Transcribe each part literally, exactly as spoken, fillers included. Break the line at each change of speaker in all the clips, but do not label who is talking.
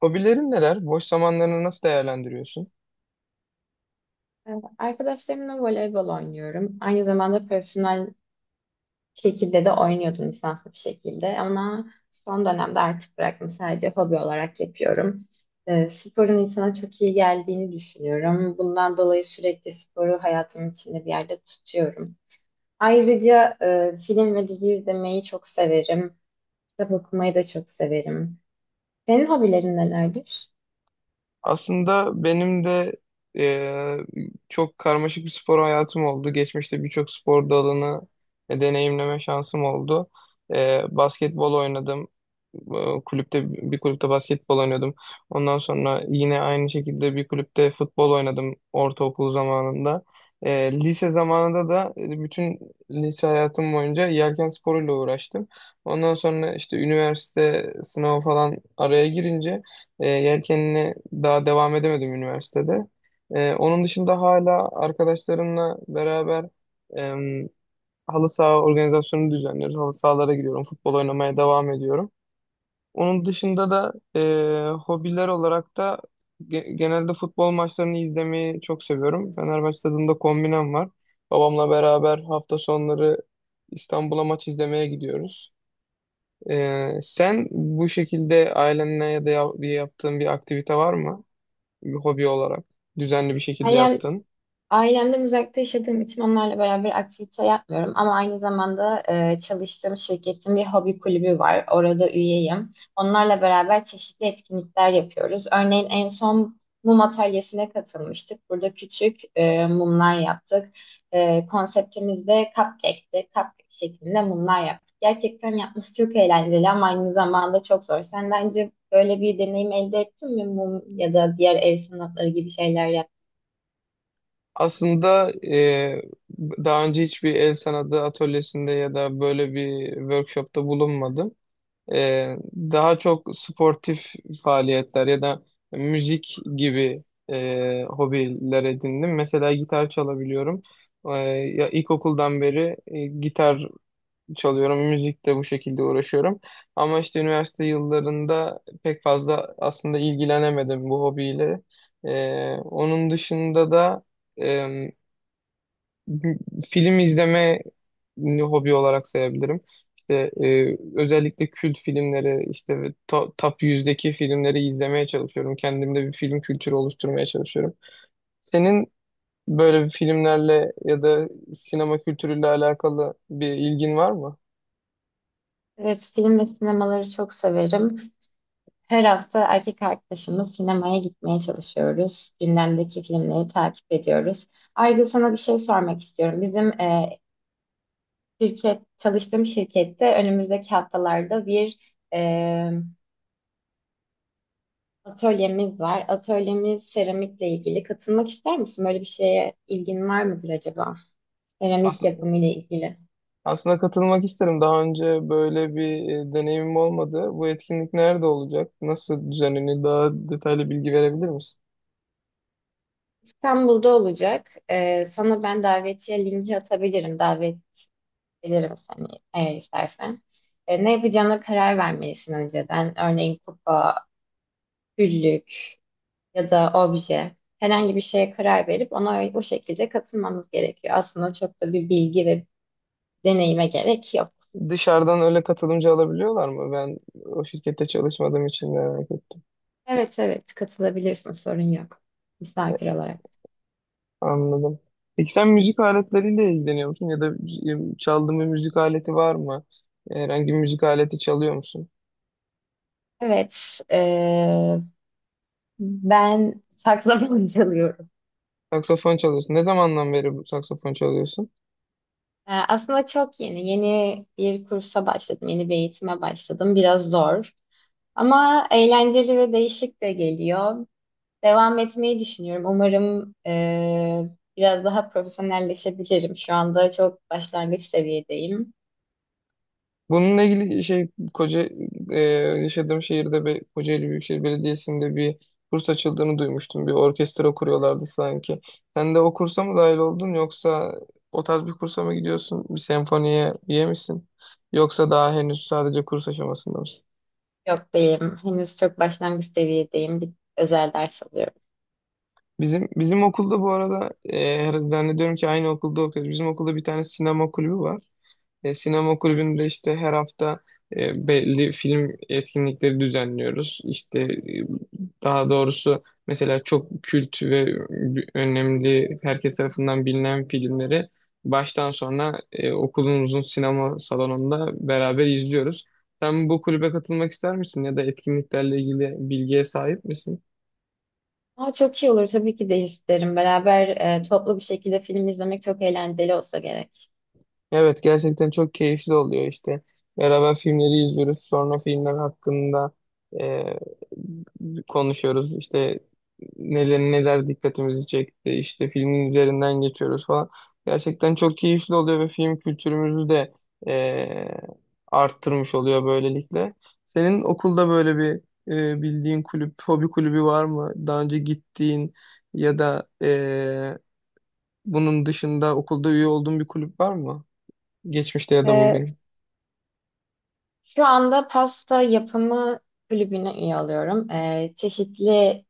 Hobilerin neler? Boş zamanlarını nasıl değerlendiriyorsun?
Ee, Arkadaşlarımla voleybol oynuyorum. Aynı zamanda profesyonel şekilde de oynuyordum lisanslı bir şekilde ama son dönemde artık bıraktım. Sadece hobi olarak yapıyorum. Ee, sporun insana çok iyi geldiğini düşünüyorum. Bundan dolayı sürekli sporu hayatımın içinde bir yerde tutuyorum. Ayrıca e, film ve dizi izlemeyi çok severim. Kitap okumayı da çok severim. Senin hobilerin nelerdir?
Aslında benim de e, çok karmaşık bir spor hayatım oldu. Geçmişte birçok spor dalını e, deneyimleme şansım oldu. E, basketbol oynadım. E, kulüpte bir kulüpte basketbol oynuyordum. Ondan sonra yine aynı şekilde bir kulüpte futbol oynadım ortaokul zamanında. E, lise zamanında da e, bütün lise hayatım boyunca yelken sporuyla uğraştım. Ondan sonra işte üniversite sınavı falan araya girince e, yelkenini daha devam edemedim üniversitede. E, onun dışında hala arkadaşlarımla beraber e, halı saha organizasyonu düzenliyoruz. Halı sahalara gidiyorum, futbol oynamaya devam ediyorum. Onun dışında da e, hobiler olarak da ge- genelde futbol maçlarını izlemeyi çok seviyorum. Fenerbahçe stadında kombinem var. Babamla beraber hafta sonları İstanbul'a maç izlemeye gidiyoruz. E, sen bu şekilde ailenle ya da ya- bir yaptığın bir aktivite var mı? Bir hobi olarak düzenli bir şekilde yaptın?
Ailemden uzakta yaşadığım için onlarla beraber aktivite yapmıyorum ama aynı zamanda e, çalıştığım şirketin bir hobi kulübü var. Orada üyeyim. Onlarla beraber çeşitli etkinlikler yapıyoruz. Örneğin en son mum atölyesine katılmıştık. Burada küçük e, mumlar yaptık. E, konseptimiz de cupcake'ti. Cupcake şeklinde mumlar yaptık. Gerçekten yapması çok eğlenceli ama aynı zamanda çok zor. Sen daha önce böyle bir deneyim elde ettin mi mum ya da diğer el sanatları gibi şeyler?
Aslında e, daha önce hiçbir el sanatı atölyesinde ya da böyle bir workshopta bulunmadım. Ee, daha çok sportif faaliyetler ya da müzik gibi e, hobiler edindim. Mesela gitar çalabiliyorum. Ee, Ya ilkokuldan beri e, gitar çalıyorum, müzikle bu şekilde uğraşıyorum. Ama işte üniversite yıllarında pek fazla aslında ilgilenemedim bu hobiyle. Ee, onun dışında da film izleme hobi olarak sayabilirim. İşte e, özellikle kült filmleri, işte ve to- top yüzdeki filmleri izlemeye çalışıyorum. Kendimde bir film kültürü oluşturmaya çalışıyorum. Senin böyle bir filmlerle ya da sinema kültürüyle alakalı bir ilgin var mı?
Evet, film ve sinemaları çok severim. Her hafta erkek arkadaşımla sinemaya gitmeye çalışıyoruz. Gündemdeki filmleri takip ediyoruz. Ayrıca sana bir şey sormak istiyorum. Bizim e, şirket, çalıştığım şirkette önümüzdeki haftalarda bir e, atölyemiz var. Atölyemiz seramikle ilgili. Katılmak ister misin? Böyle bir şeye ilgin var mıdır acaba? Seramik
Aslında,
yapımı ile ilgili.
aslında katılmak isterim. Daha önce böyle bir e, deneyimim olmadı. Bu etkinlik nerede olacak? Nasıl düzenlenir? Daha detaylı bilgi verebilir misin?
İstanbul'da olacak. E, sana ben davetiye linki atabilirim. Davet gelirim seni eğer istersen. E, ne yapacağına karar vermelisin önceden. Örneğin kupa, güllük ya da obje. Herhangi bir şeye karar verip ona ö- o şekilde katılmamız gerekiyor. Aslında çok da bir bilgi ve deneyime gerek yok.
Dışarıdan öyle katılımcı alabiliyorlar mı? Ben o şirkette çalışmadığım için merak ettim.
Evet, evet, katılabilirsin, sorun yok. Misafir olarak.
Anladım. Peki sen müzik aletleriyle ilgileniyor musun? Ya da e, çaldığın bir müzik aleti var mı? Herhangi bir müzik aleti çalıyor musun?
Evet, e, ben saksafon çalıyorum.
Saksafon çalıyorsun. Ne zamandan beri bu saksafon çalıyorsun?
E, aslında çok yeni. Yeni bir kursa başladım. Yeni bir eğitime başladım. Biraz zor. Ama eğlenceli ve değişik de geliyor. Devam etmeyi düşünüyorum. Umarım e, biraz daha profesyonelleşebilirim. Şu anda çok başlangıç seviyedeyim.
Bununla ilgili şey koca e, yaşadığım şehirde bir Kocaeli Büyükşehir Belediyesi'nde bir kurs açıldığını duymuştum. Bir orkestra kuruyorlardı sanki. Sen de o kursa mı dahil oldun yoksa o tarz bir kursa mı gidiyorsun? Bir senfoniye üye misin? Yoksa daha henüz sadece kurs aşamasında mısın?
Yok, değilim. Henüz çok başlangıç seviyedeyim. Bir özel ders alıyorum.
Bizim bizim okulda bu arada, e, her- zannediyorum ki aynı okulda okuyoruz. Bizim okulda bir tane sinema kulübü var. E, Sinema kulübünde işte her hafta e, belli film etkinlikleri düzenliyoruz. İşte e, daha doğrusu mesela çok kült ve önemli, herkes tarafından bilinen filmleri baştan sona e, okulumuzun sinema salonunda beraber izliyoruz. Sen bu kulübe katılmak ister misin ya da etkinliklerle ilgili bilgiye sahip misin?
Aa, çok iyi olur, tabii ki de isterim. Beraber e, toplu bir şekilde film izlemek çok eğlenceli olsa gerek.
Evet, gerçekten çok keyifli oluyor işte. Beraber filmleri izliyoruz. Sonra filmler hakkında e, konuşuyoruz. İşte neler neler dikkatimizi çekti. İşte filmin üzerinden geçiyoruz falan. Gerçekten çok keyifli oluyor ve film kültürümüzü de e, arttırmış oluyor böylelikle. Senin okulda böyle bir e, bildiğin kulüp, hobi kulübü var mı? Daha önce gittiğin ya da e, bunun dışında okulda üye olduğun bir kulüp var mı? Geçmişte ya da
E,
bugün.
şu anda pasta yapımı kulübüne üye oluyorum. E, çeşitli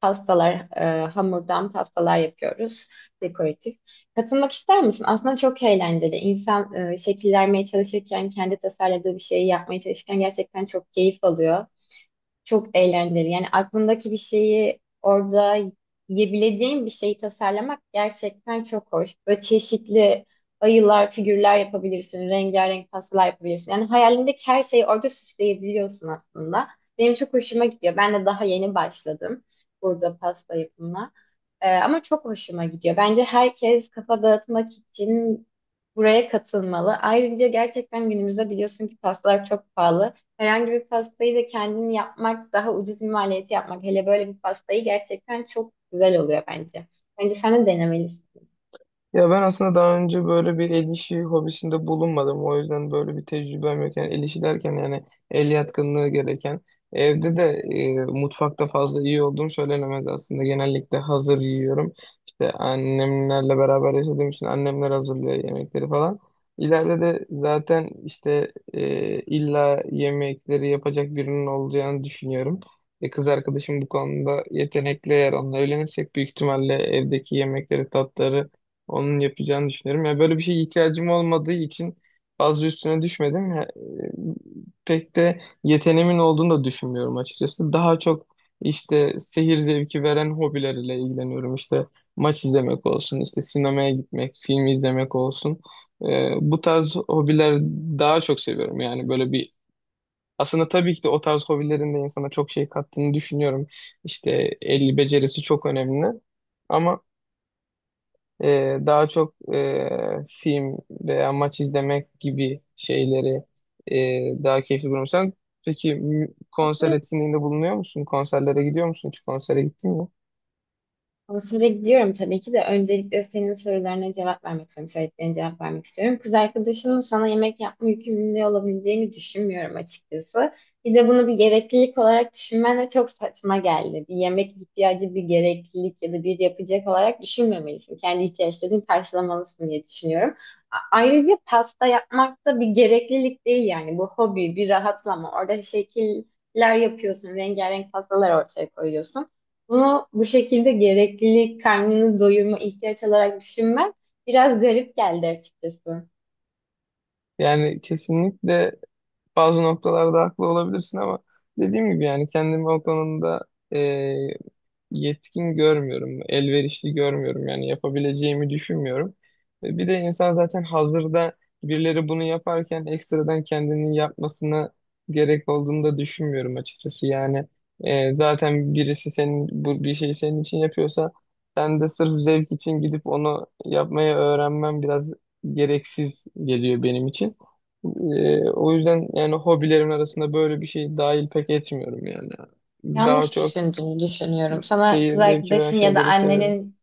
pastalar, e, hamurdan pastalar yapıyoruz, dekoratif. Katılmak ister misin? Aslında çok eğlenceli. İnsan e, şekil vermeye çalışırken, kendi tasarladığı bir şeyi yapmaya çalışırken gerçekten çok keyif alıyor. Çok eğlenceli. Yani aklındaki bir şeyi orada, yiyebileceğin bir şeyi tasarlamak gerçekten çok hoş. Böyle çeşitli ayılar, figürler yapabilirsin. Rengarenk pastalar yapabilirsin. Yani hayalindeki her şeyi orada süsleyebiliyorsun aslında. Benim çok hoşuma gidiyor. Ben de daha yeni başladım burada pasta yapımına. Ee, ama çok hoşuma gidiyor. Bence herkes kafa dağıtmak için buraya katılmalı. Ayrıca gerçekten günümüzde biliyorsun ki pastalar çok pahalı. Herhangi bir pastayı da kendin yapmak daha ucuz bir maliyeti yapmak. Hele böyle bir pastayı gerçekten çok güzel oluyor bence. Bence sen de denemelisin.
Ya ben aslında daha önce böyle bir el işi hobisinde bulunmadım. O yüzden böyle bir tecrübem yok. Yani el işi derken yani el yatkınlığı gereken. Evde de e, mutfakta fazla iyi olduğum söylenemez aslında. Genellikle hazır yiyorum. İşte annemlerle beraber yaşadığım için annemler hazırlıyor yemekleri falan. İleride de zaten işte e, illa yemekleri yapacak birinin olacağını düşünüyorum. E, kız arkadaşım bu konuda yetenekli, eğer onunla evlenirsek büyük ihtimalle evdeki yemekleri, tatları onun yapacağını düşünüyorum. Ya böyle bir şeye ihtiyacım olmadığı için fazla üstüne düşmedim. Ya, e, pek de yeteneğimin olduğunu da düşünmüyorum açıkçası. Daha çok işte seyir zevki veren hobilerle ilgileniyorum. İşte maç izlemek olsun, işte sinemaya gitmek, film izlemek olsun. E, bu tarz hobiler daha çok seviyorum. Yani böyle bir aslında, tabii ki de o tarz hobilerin de insana çok şey kattığını düşünüyorum. İşte el becerisi çok önemli. Ama ee, daha çok e, film veya maç izlemek gibi şeyleri e, daha keyifli buluyorum. Sen peki mü- konser etkinliğinde bulunuyor musun? Konserlere gidiyor musun? Hiç konsere gittin mi?
Konsere gidiyorum tabii ki de. Öncelikle senin sorularına cevap vermek istiyorum. Söylediklerine cevap vermek istiyorum. Kız arkadaşının sana yemek yapma yükümlülüğü olabileceğini düşünmüyorum açıkçası. Bir de bunu bir gereklilik olarak düşünmen de çok saçma geldi. Bir yemek ihtiyacı bir gereklilik ya da bir yapacak olarak düşünmemelisin. Kendi ihtiyaçlarını karşılamalısın diye düşünüyorum. A- Ayrıca pasta yapmak da bir gereklilik değil yani. Bu hobi, bir rahatlama. Orada şekiller yapıyorsun, rengarenk pastalar ortaya koyuyorsun. Bunu bu şekilde gereklilik, karnını doyurma, ihtiyaç olarak düşünmek biraz garip geldi açıkçası.
Yani kesinlikle bazı noktalarda haklı olabilirsin ama dediğim gibi yani kendimi o konuda e, yetkin görmüyorum, elverişli görmüyorum, yani yapabileceğimi düşünmüyorum. E, Bir de insan zaten hazırda birileri bunu yaparken ekstradan kendinin yapmasına gerek olduğunu da düşünmüyorum açıkçası. Yani e, zaten birisi senin bu bir şeyi senin için yapıyorsa sen de sırf zevk için gidip onu yapmayı öğrenmem biraz gereksiz geliyor benim için. E, o yüzden yani hobilerim arasında böyle bir şey dahil pek etmiyorum yani. Daha
Yanlış
çok
düşündüğünü düşünüyorum. Sana
seyir
kız
zevki veren
arkadaşın ya da
şeyleri seviyorum.
annenin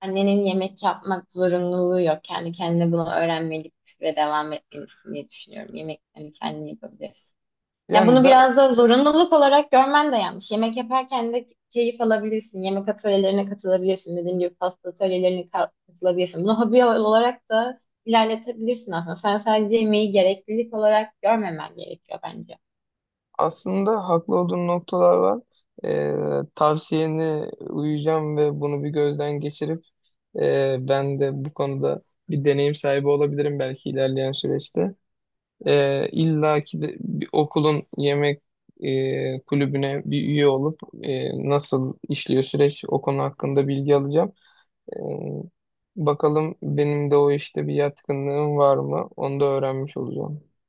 annenin yemek yapmak zorunluluğu yok. Kendi kendine bunu öğrenmeli ve devam etmelisin diye düşünüyorum. Yemek hani kendin yapabilirsin. Yani
Yani
bunu
za-
biraz da zorunluluk olarak görmen de yanlış. Yemek yaparken de keyif alabilirsin. Yemek atölyelerine katılabilirsin. Dediğim gibi pasta atölyelerine ka- katılabilirsin. Bunu hobi olarak da ilerletebilirsin aslında. Sen sadece yemeği gereklilik olarak görmemen gerekiyor bence.
aslında haklı olduğun noktalar var. Ee, tavsiyene uyacağım ve bunu bir gözden geçirip e, ben de bu konuda bir deneyim sahibi olabilirim belki ilerleyen süreçte. Ee, illa ki de bir okulun yemek e, kulübüne bir üye olup, e, nasıl işliyor süreç, o konu hakkında bilgi alacağım. Ee, Bakalım benim de o işte bir yatkınlığım var mı? Onu da öğrenmiş olacağım.